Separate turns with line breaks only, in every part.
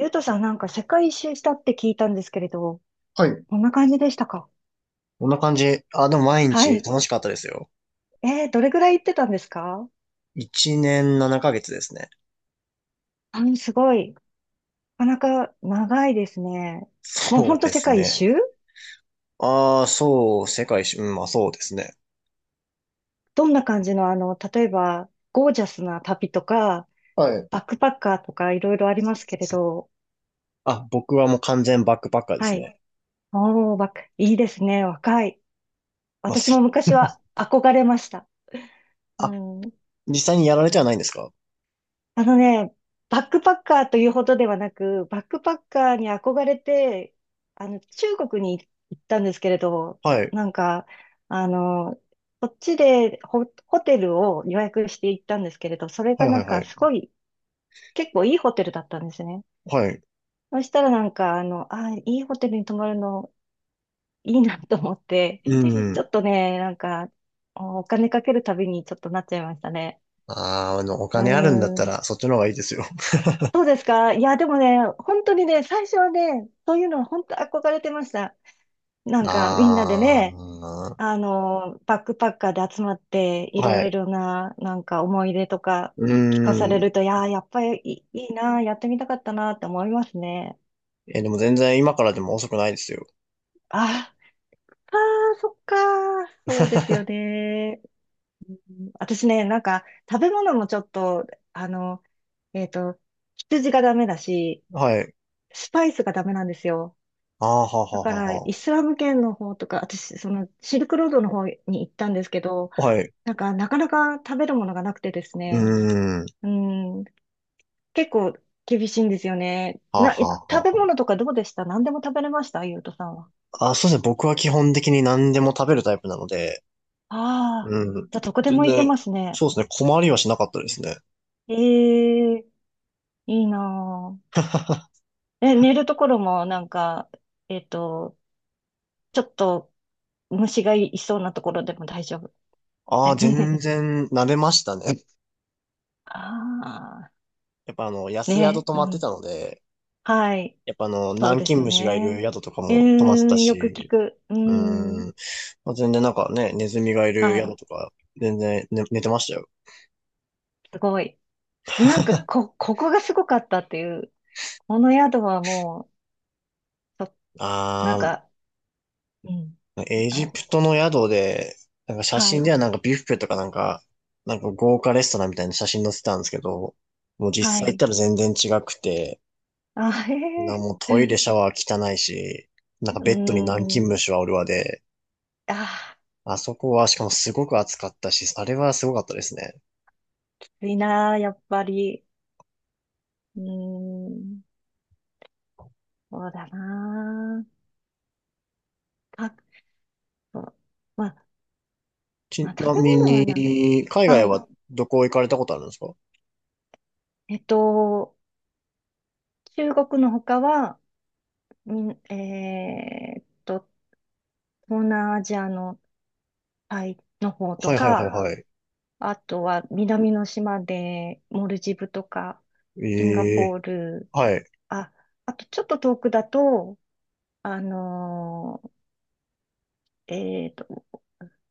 ゆうとさんなんか世界一周したって聞いたんですけれど、
はい。
こんな感じでしたか？
こんな感じ。あ、でも毎
は
日
い。
楽しかったですよ。
どれぐらい行ってたんですか？
1年7ヶ月ですね。
すごい。なかなか長いですね。もうほ
そ
ん
う
と
で
世
す
界一
ね。
周。
ああ、そう、世界一周、うん、まあそうですね。
どんな感じの、例えば、ゴージャスな旅とか、
はい。
バックパッカーとかいろいろありますけれど、
あ、僕はもう完全バックパッカーで
は
す
い。
ね。
おー、バック、いいですね。若い。
まあ、
私も
す
昔は憧れました。う
あ、
ん。
実際にやられてはないんですか？
あのね、バックパッカーというほどではなく、バックパッカーに憧れて、中国に行ったんですけれど、
はい。
なんか、あの、こっちでホテルを予約して行ったんですけれど、それ
はい
がな
は
ん
いは
かす
い。
ごい、結構いいホテルだったんですね。
はい。
そしたらあ、いいホテルに泊まるの、いいなと思って、
う
ちょ
ん。
っとね、なんか、お金かけるたびにちょっとなっちゃいましたね。
お
う
金あるんだった
ーん。
ら、そっちの方がいいですよ。
そうですか。いや、でもね、本当にね、最初はね、そういうのは本当憧れてました。な んかみんなでね、
あ
バックパッカーで集まって、い
あ、は
ろい
い。
ろな、なんか思い出とか
う
聞かさ
ー
れ
ん。
ると、いやー、やっぱりいいな、やってみたかったなって思いますね。
え、でも全然今からでも遅くないですよ。
あ、あー、そっかー、そうですよ ね。うん。私ね、なんか食べ物もちょっと、あの、えっと、羊がダメだし、
はい。
スパイスがダメなんですよ。
ああ、はは
だ
は
から、
はは。
イスラム圏の方とか、私、その、シルクロードの方に行ったんですけど、
はい。
なんか、なかなか食べるものがなくてです
う
ね、
ーん。
うん、結構厳しいんですよね。
はあ、はあ、
食
は
べ
あは
物とかどうでした？何でも食べれました？ゆうとさんは？
あ。あ、そうですね。僕は基本的に何でも食べるタイプなので、
ああ、
うん。
じゃあどこで
全
も行け
然、
ますね。
そうですね。困りはしなかったですね。
ええ、いいな ぁ。え、寝るところもなんか、えっと、ちょっと虫がいそうなところでも大丈夫？
ああ、全 然慣れましたね。
ああ、
やっぱあの、安宿
ね、
泊
う
まって
ん。
たので、
はい。
やっぱあの、
そう
南
で
京
すよ
虫がいる
ね。
宿とか
うー
も泊まってた
ん、よく聞
し、
く。うー
う
ん、
ん。まあ、全然なんかね、ネズミがいる
は
宿
い、
とか、全然、ね、寝てましたよ。
すごい。なんか、ここがすごかったっていう、この宿はもう、なん
ああ、
か、うん、
エ
は
ジ
い、
プトの宿で、なんか写
は
真
い、
ではなんかビュッフェとかなんか、なんか豪華レストランみたいな写真載せてたんですけど、もう
は
実際行っ
い。
たら全然違くて、
あ、へ
もうトイレ
え、
シャワー汚いし、なんか
うー
ベッドに南京
ん、
虫はおるわで、
あ
あそこはしかもすごく暑かったし、あれはすごかったですね。
ー、きついなー、やっぱり。うーん、そうだなー。そう、まあ、ま
ち
あ、
な
食べ
み
物はなんだ。
に、海
は
外
い。
はどこ行かれたことあるんですか？
えっと、中国の他は、みん、えーっと、東南アジアのタイの方と
はいはいはい
か、
はい。
あとは南の島でモルジブとか、シンガ
え
ポ
え
ール、
はい。
あ、あとちょっと遠くだと、あのーえっと、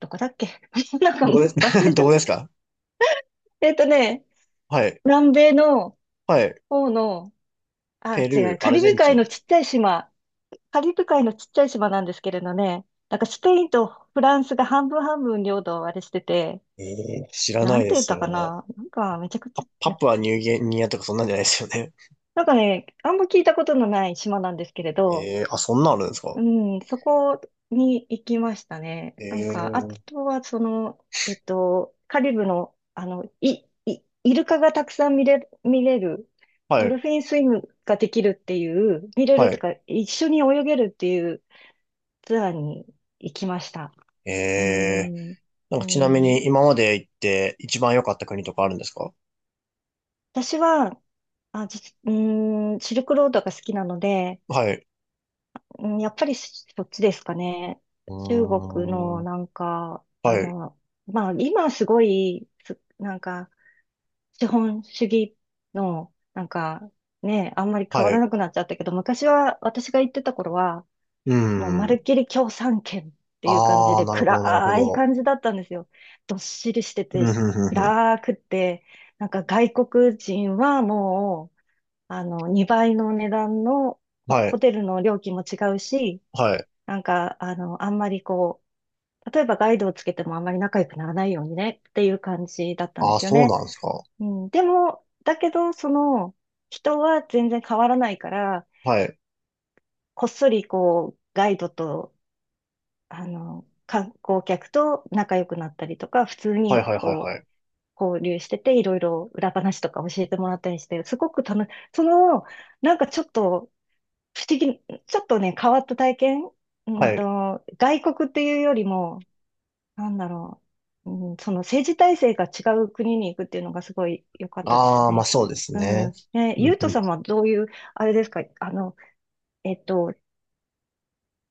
どこだっけ。 なんか
どこです、
忘れ ちゃ
どこ
っ
ですか？
た。
はい。
南米の
はい。
方の、あ、
ペ
違
ルー、
う、
アルゼンチン。
カリブ海のちっちゃい島なんですけれどね、なんかスペインとフランスが半分半分領土をあれしてて、
ええ知らな
な
い
ん
で
て言っ
す、そ
た
れ
か
ね。
な。なんかめちゃくちゃ、
パプアニューギニアとかそんなんじゃないですよね？
なんかね、あんま聞いたことのない島なんですけれ ど、
ええあ、そんなんあるんですか？
うん、そこに行きましたね。なんか、あ
ええ
とはその、カリブの、イルカがたくさん見れる、
は
ド
い、
ルフィンスイムができるっていう、見れる
は
と
い。
か、一緒に泳げるっていうツアーに行きました。
え
う
え
ん、う
なんかちなみ
ん、
に今まで行って一番良かった国とかあるんですか？
私は、あ、うん、シルクロードが好きなので、
はい。
うん、やっぱりそっちですかね。
う
中国
ー
の
ん、
なんか、
はい、
まあ今すごい、なんか資本主義のなんかね、あんまり変わ
は
ら
い。
なくなっちゃったけど、昔は私が行ってた頃は、
う
もうまる
ん。
っきり共産圏っていう感じ
ああ、
で
なるほど、なるほ
暗い
ど。
感じだったんですよ。どっしりしてて、
うん、ふんふんふん。
暗くって、なんか外国人はもう、2倍の値段の
は
ホ
い、
テルの料金も違うし、
はい。
なんか、あんまりこう、例えばガイドをつけてもあんまり仲良くならないようにねっていう感じだったんで
ああ、
すよ
そう
ね。
なんですか？
うん、でも、だけど、その、人は全然変わらないから、
はい、
こっそりこう、ガイドと、観光客と仲良くなったりとか、普通
はい、
に
はい、はい、
こ
は
う、
い。
交流してて、いろいろ裏話とか教えてもらったりして、すごく楽し、その、なんかちょっと不思議、ちょっとね、変わった体験、
はい。
外国っていうよりも、なんだろう。うん、その政治体制が違う国に行くっていうのがすごい良かったです
ああ、まあ
ね。
そうです
う
ね。
ん。ね、
う
ゆ
ん
う
う
とさ
ん
んはどういう、あれですか、えっと、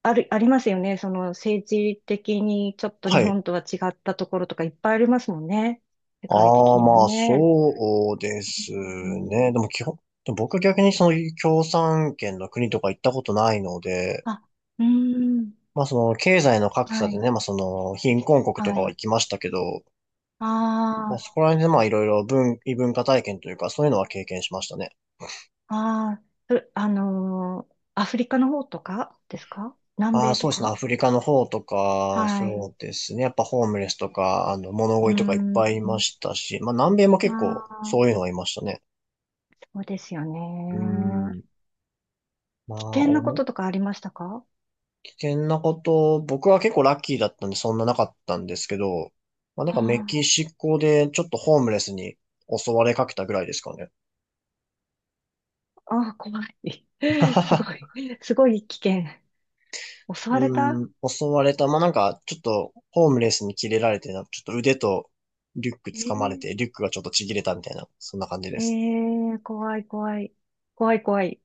ありますよね。その政治的にちょっと日
はい。
本とは違ったところとかいっぱいありますもんね。世界
あ
的
あ、
にも
まあ、
ね。
そうです
うん。
ね。でも僕は逆にその共産圏の国とか行ったことないので、
あ、うん。
まあその経済の格差
は
で
い。
ね、まあその貧困国とか
は
は
い。
行きましたけど、ま
あ
あそこら辺でまあいろいろ異文化体験というかそういうのは経験しましたね。
あ、ああ、うあのーアフリカの方とかですか？南
ああ、
米と
そうですね。
か？
アフリカの方とか、
はい。
そうですね。やっぱホームレスとか、あの、物
う
乞いとかいっぱ
ー
いいま
ん。
したし、まあ南米も
あ
結構そういう
あ、
のはいましたね。
そうですよ
うー
ね。
ん。ま
危
あ、
険なこととかありましたか？
危険なこと、僕は結構ラッキーだったんでそんななかったんですけど、まあなんかメ
あ
キシコでちょっとホームレスに襲われかけたぐらいですかね。
あ、ああ、怖い。すご い。すごい危険。襲われ
う
た？
ーん、襲われた。まあなんかちょっとホームレスに切れられて、なんかちょっと腕とリュック
え
掴まれ
ー、
て、リュックがちょっとちぎれたみたいな、そんな感じで
え
す。
怖い、怖い。怖い、怖い。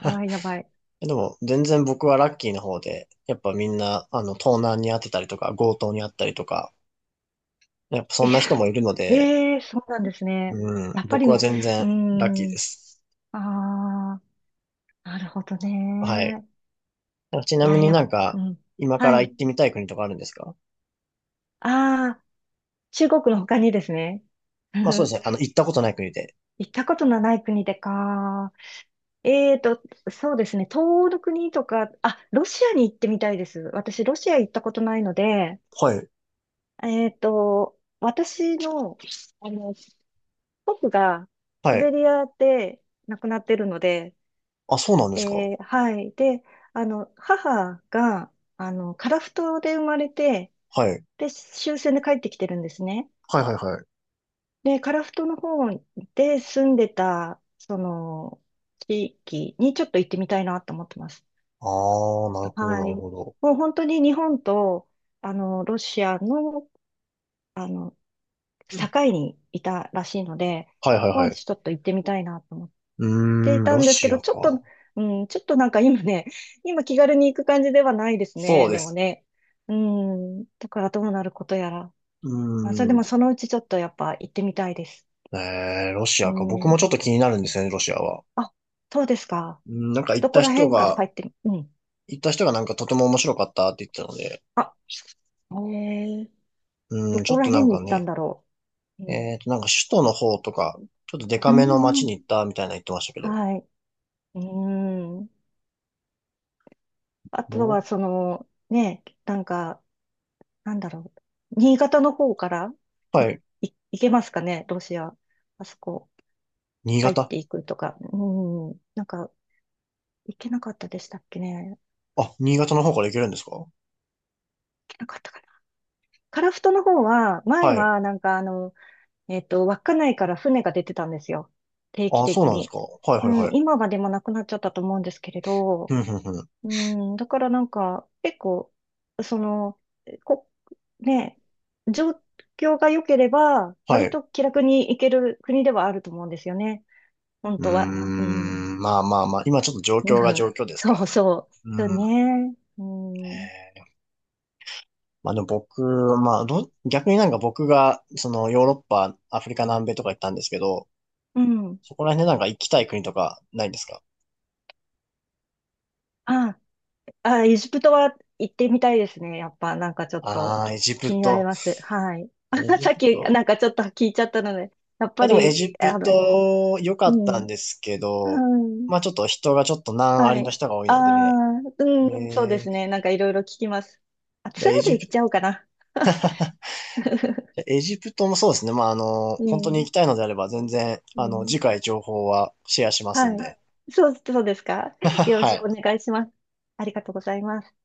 あ あ、やばい。
でも全然僕はラッキーの方で、やっぱみんなあの盗難にあってたりとか、強盗にあったりとか、やっぱ
え
そんな人もいるの
ー
で、
えー、そうなんですね。
うん、
やっぱ
僕
り、
は
う
全
ー
然ラッキー
ん、
です。
ああ、なるほど
はい。
ね。
ち
い
なみ
や、
になんか、
うん。
今か
は
ら行
い。
ってみたい国とかあるんですか？
ああ、中国の他にですね。
まあそうです
行
ね。あの、行ったことない国で。
ったことのない国でか。えーと、そうですね。東欧の国とか、あ、ロシアに行ってみたいです。私、ロシア行ったことないので、
はい。
えーと、私の、あの、僕が
は
シベ
い。
リアで亡くなってるので、
あ、そうなんですか？
えはい。で、母が、樺太で生まれて、
はい。
で、終戦で帰ってきてるんですね。
はいはいはい。
で、樺太の方で住んでた、その、地域にちょっと行ってみたいなと思ってます。
ああ、なるほどな
は
る
い。
ほど。
もう本当に日本と、ロシアの、あの、
うん
境にいたらしいので、
はいはい
まあ、
はい。
ちょっと行ってみたいなと思っ
う
てい
ーん、
た
ロ
んですけ
シ
ど、
ア
ちょっと、
か。
うん、ちょっとなんか今ね、今気軽に行く感じではないです
そう
ね、
で
でも
す。
ね。うん、だからどうなることやら。
う
あ、それで
ー
も
ん。
そのうちちょっとやっぱ行ってみたいです。
ロシ
う
アか。僕も
ん。
ちょっと気になるんですよね、ロシアは。
あ、そうですか。
うん、
どこら辺から入ってみ、うん。
行った人がなんかとても面白かったって言ってたので、
あ、えー、
う
ど
ん、ちょ
こ
っ
ら
とな
辺
ん
に
か
行ったん
ね、
だろう。うん。
なんか首都の方とか、ちょっとデ
う
カめの街
ん。
に行ったみたいなの言ってましたけど、
はい。うーん。あと
ど
は、
っ
その、ね、なんか、なんだろう。新潟の方からい、
はい。
行けますかね、ロシア。あそこ、
新
入っ
潟。
ていくとか。うーん。なんか、行けなかったでしたっけね。行
あ、新潟の方から行けるんですか？
けなかったかな。樺太の方は、前
はい。
は、なんか、稚内から船が出てたんですよ。定期
あ、そう
的
なんです
に。
か？はいは
う
いは
ん、
い。
今はでもなくなっちゃったと思うんですけれど、
ふんふんふん。
うん、だからなんか、結構、その、こ、ね、状況が良ければ、
は
割
い。
と気楽に行ける国ではあると思うんですよね。本
うー
当は。うん。
ん。まあまあまあ。今ちょっと状
う
況が
ん。
状況ですか
そ
ら
う
ね。
そう。そう
うん。
ね。うん。
まあでも僕、まあど、逆になんか僕が、そのヨーロッパ、アフリカ南米とか行ったんですけど、
うん。
そこら辺でなんか行きたい国とかないんですか？
あ、あ、エジプトは行ってみたいですね。やっぱ、なんかちょっと
ああー、エジ
気
プ
になり
ト。
ます。はい。あ、
エジ
さっ
プ
き、な
ト。
んかちょっと聞いちゃったので、やっ
いや
ぱ
でもエ
り、
ジプト良か
う
った
ん。
んですけ
は
ど、
い
まあちょっと人がちょっと難あ
は
りの
い。
人が多い
あ
ので、
あ、うん、そうで
えー、
すね。なんかいろいろ聞きます。あ、
じゃ
ツ
あ
ア
エ
ーで
ジ
行
プ
っ
ト、
ちゃおうかな。
エジプトもそうですね。まあ、あの、
う
本当に
ん、
行きたいのであれば全然、
う
あの、
ん。
次回情報はシェアしますん
はい。
で。
そうですか。よろし
は
くお
い。
願いします。ありがとうございます。